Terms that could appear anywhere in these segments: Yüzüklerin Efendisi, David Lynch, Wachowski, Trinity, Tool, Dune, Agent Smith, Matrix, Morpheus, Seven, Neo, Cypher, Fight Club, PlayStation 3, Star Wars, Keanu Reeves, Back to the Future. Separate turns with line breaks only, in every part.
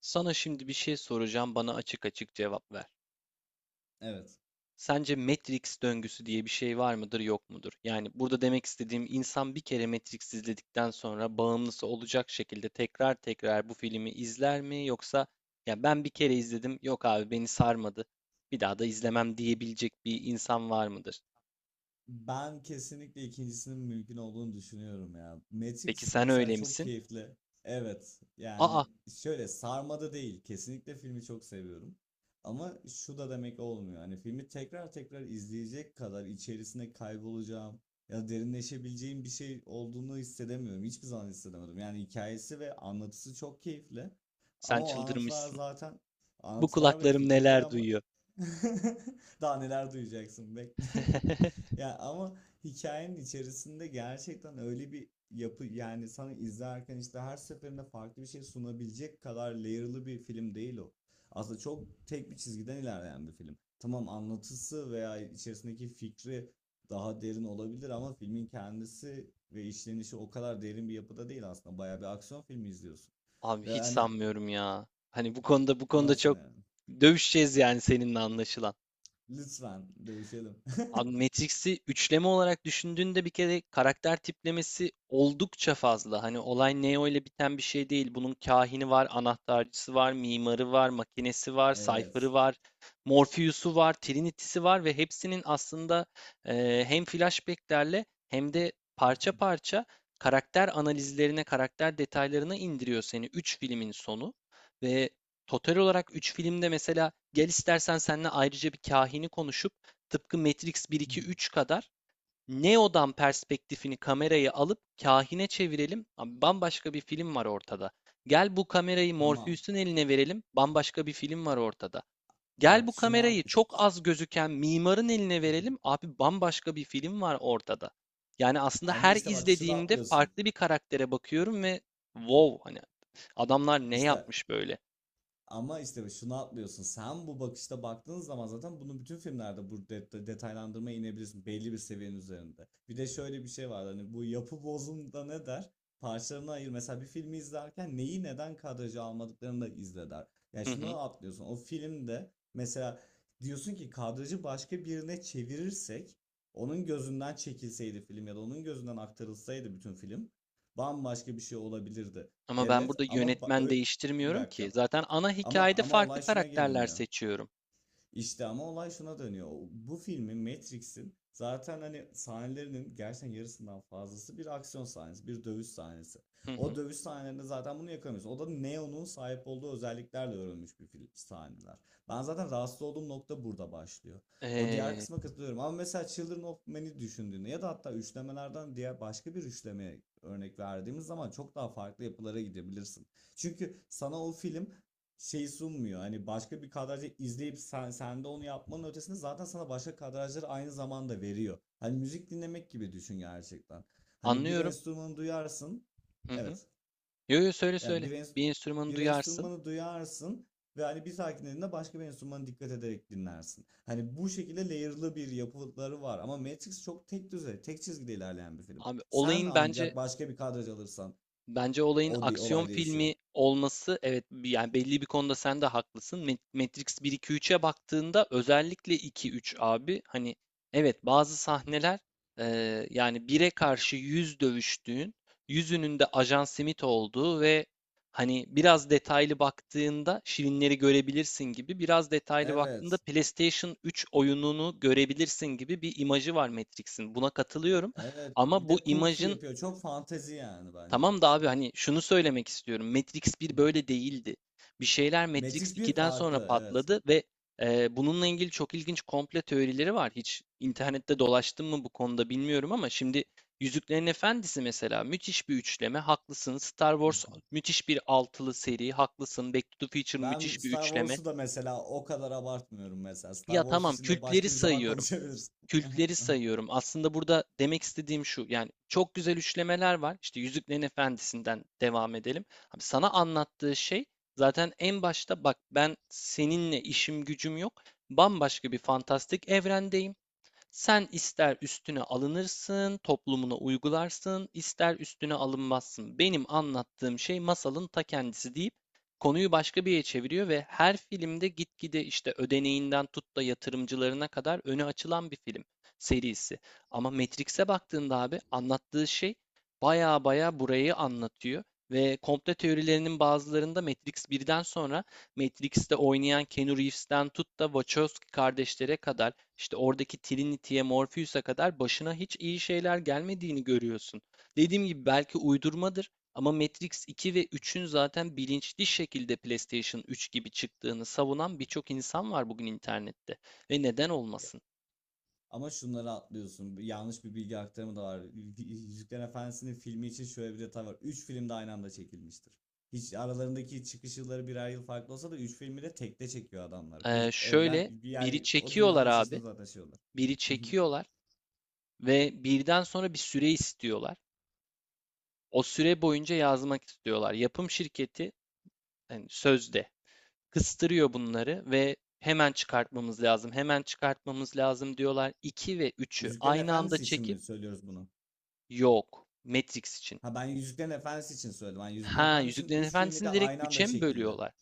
Sana şimdi bir şey soracağım, bana açık açık cevap ver.
Evet.
Sence Matrix döngüsü diye bir şey var mıdır, yok mudur? Yani burada demek istediğim insan bir kere Matrix izledikten sonra bağımlısı olacak şekilde tekrar tekrar bu filmi izler mi, yoksa ya ben bir kere izledim, yok abi beni sarmadı. Bir daha da izlemem diyebilecek bir insan var mıdır?
Ben kesinlikle ikincisinin mümkün olduğunu düşünüyorum ya.
Peki
Matrix
sen
mesela
öyle
çok
misin?
keyifli. Evet.
Aa,
Yani şöyle sarmada değil. Kesinlikle filmi çok seviyorum. Ama şu da demek olmuyor. Hani filmi tekrar tekrar izleyecek kadar içerisine kaybolacağım ya da derinleşebileceğim bir şey olduğunu hissedemiyorum. Hiçbir zaman hissedemedim. Yani hikayesi ve anlatısı çok keyifli.
sen
Ama o anlatılar
çıldırmışsın.
zaten
Bu
anlatılar ve
kulaklarım
fikirleri
neler
ama.
duyuyor?
Daha neler duyacaksın bekle. Ya ama hikayenin içerisinde gerçekten öyle bir yapı, yani sana izlerken işte her seferinde farklı bir şey sunabilecek kadar layer'lı bir film değil o. Aslında çok tek bir çizgiden ilerleyen bir film. Tamam, anlatısı veya içerisindeki fikri daha derin olabilir ama filmin kendisi ve işlenişi o kadar derin bir yapıda değil aslında. Bayağı bir aksiyon filmi izliyorsun.
Abi
Ve
hiç
hani
sanmıyorum ya. Hani bu konuda
nasıl
çok
yani?
dövüşeceğiz yani seninle anlaşılan.
Lütfen dövüşelim.
Abi Matrix'i üçleme olarak düşündüğünde bir kere karakter tiplemesi oldukça fazla. Hani olay Neo ile biten bir şey değil. Bunun kahini var, anahtarcısı var, mimarı var, makinesi var, Cypher'ı
Evet.
var, Morpheus'u var, Trinity'si var ve hepsinin aslında hem flashback'lerle hem de parça parça karakter analizlerine, karakter detaylarına indiriyor seni 3 filmin sonu. Ve total olarak 3 filmde mesela gel istersen seninle ayrıca bir kahini konuşup tıpkı Matrix 1-2-3 kadar Neo'dan perspektifini kamerayı alıp kahine çevirelim. Abi bambaşka bir film var ortada. Gel bu kamerayı
Tamam.
Morpheus'un eline verelim. Bambaşka bir film var ortada. Gel
Bak
bu
şunu al.
kamerayı çok az gözüken mimarın eline verelim. Abi bambaşka bir film var ortada. Yani aslında
Ama
her
işte bak şunu
izlediğimde
atlıyorsun.
farklı bir karaktere bakıyorum ve wow, hani adamlar ne
İşte
yapmış böyle?
ama işte şunu atlıyorsun. Sen bu bakışta baktığın zaman zaten bunu bütün filmlerde bu detaylandırmaya inebilirsin belli bir seviyenin üzerinde. Bir de şöyle bir şey var, hani bu yapı bozumda ne der? Parçalarına ayır. Mesela bir filmi izlerken neyi neden kadraja almadıklarını da izle der. Yani
Hı hı.
şunu atlıyorsun. O filmde mesela diyorsun ki kadrajı başka birine çevirirsek onun gözünden çekilseydi film ya da onun gözünden aktarılsaydı bütün film bambaşka bir şey olabilirdi.
Ama ben
Evet
burada
ama
yönetmen
bir
değiştirmiyorum ki.
dakika.
Zaten ana
Ama
hikayede
ama
farklı
olay şuna geri
karakterler
dönüyor.
seçiyorum.
İşte ama olay şuna dönüyor. O- bu filmin, Matrix'in zaten hani sahnelerinin gerçekten yarısından fazlası bir aksiyon sahnesi, bir dövüş sahnesi.
Hı
O
hı.
dövüş sahnelerinde zaten bunu yakamıyoruz. O da Neo'nun sahip olduğu özelliklerle örülmüş bir film sahneler. Ben zaten rahatsız olduğum nokta burada başlıyor. O diğer
Ee,
kısma katılıyorum ama mesela Children of Men'i düşündüğünde ya da hatta üçlemelerden diğer başka bir üçlemeye örnek verdiğimiz zaman çok daha farklı yapılara gidebilirsin. Çünkü sana o film şey sunmuyor. Hani başka bir kadrajı izleyip sen de onu yapmanın ötesinde zaten sana başka kadrajları aynı zamanda veriyor. Hani müzik dinlemek gibi düşün gerçekten. Hani bir
anlıyorum.
enstrümanı duyarsın.
Hı hı.
Evet.
Yo yo, söyle
Yani
söyle. Bir enstrümanı
bir
duyarsın.
enstrümanı duyarsın ve hani bir sakinliğinde başka bir enstrümana dikkat ederek dinlersin. Hani bu şekilde layer'lı bir yapıları var ama Matrix çok tek düze, tek çizgide ilerleyen bir film.
Abi
Sen
olayın bence,
ancak başka bir kadraj alırsan
bence olayın aksiyon
olay değişiyor.
filmi olması, evet, yani belli bir konuda sen de haklısın. Matrix bir 2 üç'e baktığında, özellikle 2 3 abi, hani evet, bazı sahneler, yani bir'e karşı 100 dövüştüğün, yüzünün de Ajan Smith olduğu ve hani biraz detaylı baktığında şirinleri görebilirsin gibi, biraz detaylı baktığında
Evet.
PlayStation 3 oyununu görebilirsin gibi bir imajı var Matrix'in. Buna katılıyorum
Evet.
ama
Bir
bu
de kung fu
imajın,
yapıyor. Çok fantezi yani bence.
tamam da abi, hani şunu söylemek istiyorum. Matrix bir böyle değildi. Bir şeyler Matrix
Matrix bir
ikiden sonra
farklı. Evet.
patladı ve bununla ilgili çok ilginç komple teorileri var. Hiç internette dolaştım mı bu konuda bilmiyorum ama şimdi Yüzüklerin Efendisi mesela müthiş bir üçleme. Haklısın. Star Wars müthiş bir altılı seri. Haklısın. Back to the Future
Ben
müthiş bir
Star
üçleme.
Wars'u da mesela o kadar abartmıyorum mesela.
Ya
Star Wars
tamam,
için de
kültleri
başka bir zaman
sayıyorum.
konuşabiliriz.
Kültleri sayıyorum. Aslında burada demek istediğim şu. Yani çok güzel üçlemeler var. İşte Yüzüklerin Efendisi'nden devam edelim. Abi sana anlattığı şey, zaten en başta bak, ben seninle işim gücüm yok. Bambaşka bir fantastik evrendeyim. Sen ister üstüne alınırsın, toplumuna uygularsın, ister üstüne alınmazsın. Benim anlattığım şey masalın ta kendisi deyip konuyu başka bir yere çeviriyor ve her filmde gitgide işte ödeneğinden tut da yatırımcılarına kadar öne açılan bir film serisi. Ama Matrix'e baktığında abi, anlattığı şey baya baya burayı anlatıyor. Ve komple teorilerinin bazılarında, Matrix birden sonra Matrix'te oynayan Keanu Reeves'ten tut da Wachowski kardeşlere kadar, işte oradaki Trinity'ye, Morpheus'a kadar başına hiç iyi şeyler gelmediğini görüyorsun. Dediğim gibi belki uydurmadır ama Matrix 2 ve 3'ün zaten bilinçli şekilde PlayStation 3 gibi çıktığını savunan birçok insan var bugün internette. Ve neden olmasın?
Ama şunları atlıyorsun. Yanlış bir bilgi aktarımı da var. Yüzüklerin Efendisi'nin filmi için şöyle bir detay var. 3 film de aynı anda çekilmiştir. Hiç, aralarındaki çıkış yılları birer yıl farklı olsa da 3 filmi de tekte çekiyor adamlar.
Ee,
Bir
şöyle
evren
biri
yani o
çekiyorlar
dünyanın içerisinde
abi,
zaten şey olur.
biri çekiyorlar ve birden sonra bir süre istiyorlar. O süre boyunca yazmak istiyorlar. Yapım şirketi yani sözde kıstırıyor bunları ve hemen çıkartmamız lazım, hemen çıkartmamız lazım diyorlar. 2 ve üçü
Yüzüklerin
aynı anda
Efendisi için
çekip,
mi söylüyoruz bunu?
yok. Matrix için.
Ha, ben Yüzüklerin Efendisi için söyledim. Yani Yüzüklerin
Ha,
Efendisi'nin
Yüzüklerin
3 filmi de
Efendisi'ni direkt
aynı anda
üç'e mi
çekildi.
bölüyorlar?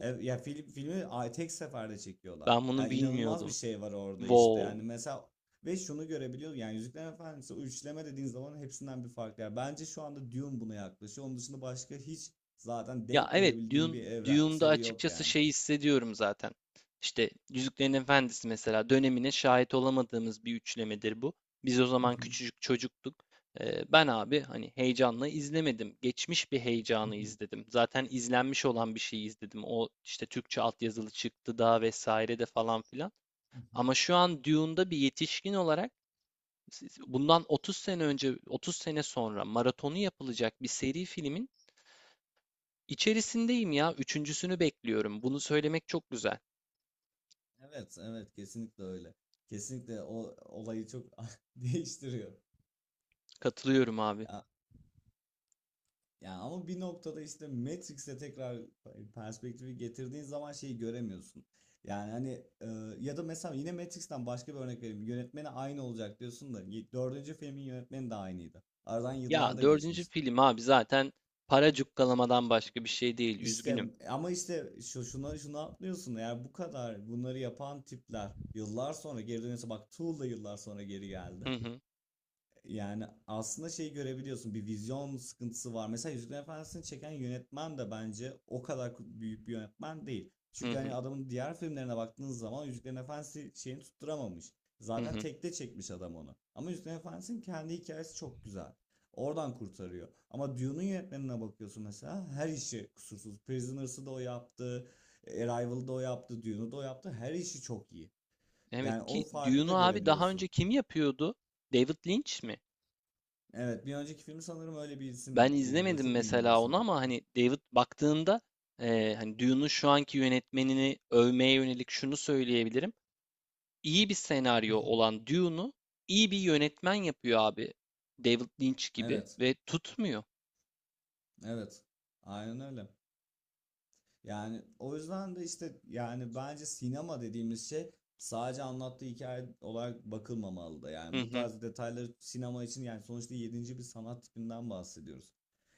E, ya tek seferde çekiyorlar.
Ben bunu
Yani inanılmaz bir
bilmiyordum.
şey var orada işte. Yani
Wow.
mesela ve şunu görebiliyoruz. Yani Yüzüklerin Efendisi, o üçleme dediğin zaman hepsinden bir farklı. Yani bence şu anda Dune buna yaklaşıyor. Onun dışında başka hiç zaten
Ya
denk
evet,
görebildiğim
Dune,
bir evren
Dune'da
seri yok
açıkçası
yani.
şey hissediyorum zaten. İşte Yüzüklerin Efendisi mesela dönemine şahit olamadığımız bir üçlemedir bu. Biz o
Hı
zaman
hı,
küçücük çocuktuk. Ben abi hani heyecanla izlemedim. Geçmiş bir
hı
heyecanı
hı,
izledim. Zaten izlenmiş olan bir şeyi izledim. O işte Türkçe altyazılı çıktı da vesaire de falan filan.
hı hı.
Ama şu an Dune'da bir yetişkin olarak, bundan 30 sene önce, 30 sene sonra maratonu yapılacak bir seri filmin İçerisindeyim ya. Üçüncüsünü bekliyorum. Bunu söylemek çok güzel.
Evet, evet kesinlikle öyle. Kesinlikle o olayı çok değiştiriyor.
Katılıyorum abi.
Ya ama bir noktada işte Matrix'e tekrar perspektifi getirdiğin zaman şeyi göremiyorsun. Yani hani, e, ya da mesela yine Matrix'ten başka bir örnek vereyim. Yönetmeni aynı olacak diyorsun da y- dördüncü filmin yönetmeni de aynıydı. Aradan yıllar
Ya
da
dördüncü
geçmişti.
film abi zaten para cukkalamadan başka bir şey değil.
İşte
Üzgünüm.
ama işte şu şuna şunu atlıyorsun. Eğer bu kadar bunları yapan tipler yıllar sonra geri dönüyorsa, bak Tool da yıllar sonra geri
Hı
geldi.
hı,
Yani aslında şeyi görebiliyorsun, bir vizyon sıkıntısı var. Mesela Yüzüklerin Efendisi'ni çeken yönetmen de bence o kadar büyük bir yönetmen değil.
hı
Çünkü
hı,
hani adamın diğer filmlerine baktığınız zaman Yüzüklerin Efendisi şeyini tutturamamış.
hı
Zaten
hı.
tekte çekmiş adam onu. Ama Yüzüklerin Efendisi'nin kendi hikayesi çok güzel. Oradan kurtarıyor. Ama Dune'un yönetmenine bakıyorsun mesela, her işi kusursuz. Prisoners'ı da o yaptı. Arrival'ı da o yaptı. Dune'u da o yaptı. Her işi çok iyi.
Evet
Yani o
ki
farkı
Dune'u
da
abi daha
görebiliyorsun.
önce kim yapıyordu? David Lynch mi?
Evet, bir önceki filmi sanırım öyle bir isim
Ben
yaptı. Yine böyle
izlemedim
çok ünlü bir
mesela
isim
onu ama
yaptı.
hani David, baktığında hani Dune'un şu anki yönetmenini övmeye yönelik şunu söyleyebilirim. İyi bir senaryo olan Dune'u iyi bir yönetmen yapıyor abi. David Lynch gibi
Evet,
ve tutmuyor.
evet. Aynen öyle. Yani o yüzden de işte, yani bence sinema dediğimiz şey sadece anlattığı hikaye olarak bakılmamalı da.
Hı
Yani bu
hı.
tarz detayları sinema için, yani sonuçta yedinci bir sanat tipinden bahsediyoruz.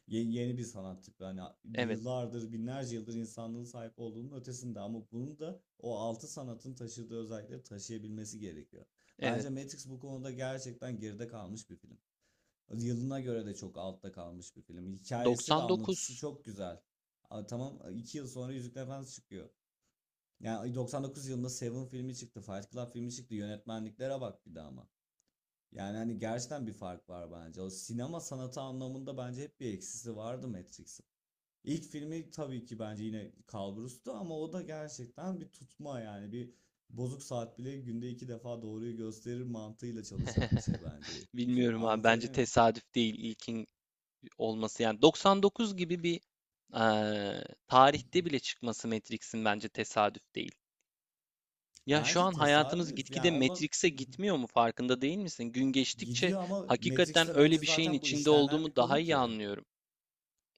Yeni bir sanat tipi. Hani
Evet.
yıllardır, binlerce yıldır insanlığın sahip olduğunun ötesinde ama bunu da o altı sanatın taşıdığı özellikleri taşıyabilmesi gerekiyor. Bence
Evet.
Matrix bu konuda gerçekten geride kalmış bir film. Yılına göre de çok altta kalmış bir film. Hikayesi ve anlatısı
99.
çok güzel. A, tamam, 2 yıl sonra Yüzükler Efendisi çıkıyor. Yani 99 yılında Seven filmi çıktı, Fight Club filmi çıktı. Yönetmenliklere bak bir de ama. Yani hani gerçekten bir fark var bence. O sinema sanatı anlamında bence hep bir eksisi vardı Matrix'in. İlk filmi tabii ki bence yine kalburustu ama o da gerçekten bir tutma, yani bir bozuk saat bile günde 2 defa doğruyu gösterir mantığıyla çalışan bir şey bence.
Bilmiyorum abi. Bence
Anlatabiliyor muyum?
tesadüf değil ilkin olması. Yani 99 gibi bir, tarihte bile çıkması Matrix'in bence tesadüf değil. Ya şu
Bence
an hayatımız
tesadüf.
gitgide
Yani ondan
Matrix'e gitmiyor mu, farkında değil misin? Gün geçtikçe
gidiyor ama
hakikaten
Matrix'ten
öyle
önce
bir şeyin
zaten bu
içinde
işlenen bir
olduğumu daha
konu
iyi
ki.
anlıyorum.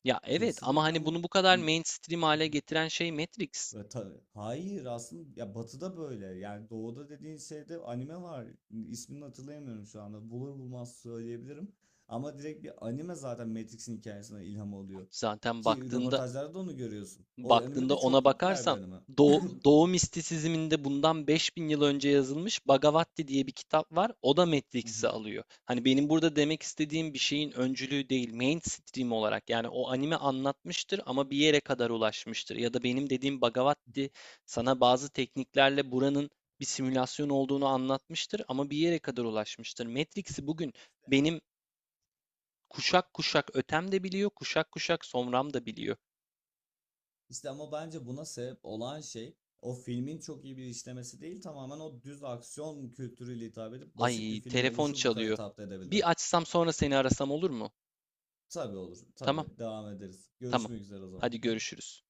Ya evet, ama
Kesinlikle
hani
ama.
bunu bu kadar mainstream hale getiren şey Matrix.
Ve hayır, aslında ya batıda böyle. Yani doğuda dediğin şeyde anime var. İsmini hatırlayamıyorum şu anda. Bulur bulmaz söyleyebilirim. Ama direkt bir anime zaten Matrix'in hikayesine ilham oluyor.
Zaten
Ki
baktığında
röportajlarda da onu görüyorsun. O anime
baktığında
de
ona
çok popüler bir
bakarsan,
anime.
Doğu, Doğu mistisizminde bundan 5.000 yıl önce yazılmış Bhagavati diye bir kitap var. O da Matrix'i alıyor. Hani benim burada demek istediğim bir şeyin öncülüğü değil, mainstream olarak. Yani o anime anlatmıştır ama bir yere kadar ulaşmıştır. Ya da benim dediğim Bhagavati sana bazı tekniklerle buranın bir simülasyon olduğunu anlatmıştır ama bir yere kadar ulaşmıştır. Matrix'i bugün benim kuşak kuşak ötem de biliyor, kuşak kuşak somram da biliyor.
İşte ama bence buna sebep olan şey o filmin çok iyi bir işlemesi değil, tamamen o düz aksiyon kültürüyle hitap edip basit bir
Ay,
film
telefon
oluşu bu kadar
çalıyor.
hitap edebildi.
Bir açsam sonra seni arasam olur mu?
Tabii olur.
Tamam,
Tabii devam ederiz.
tamam.
Görüşmek üzere o zaman.
Hadi görüşürüz.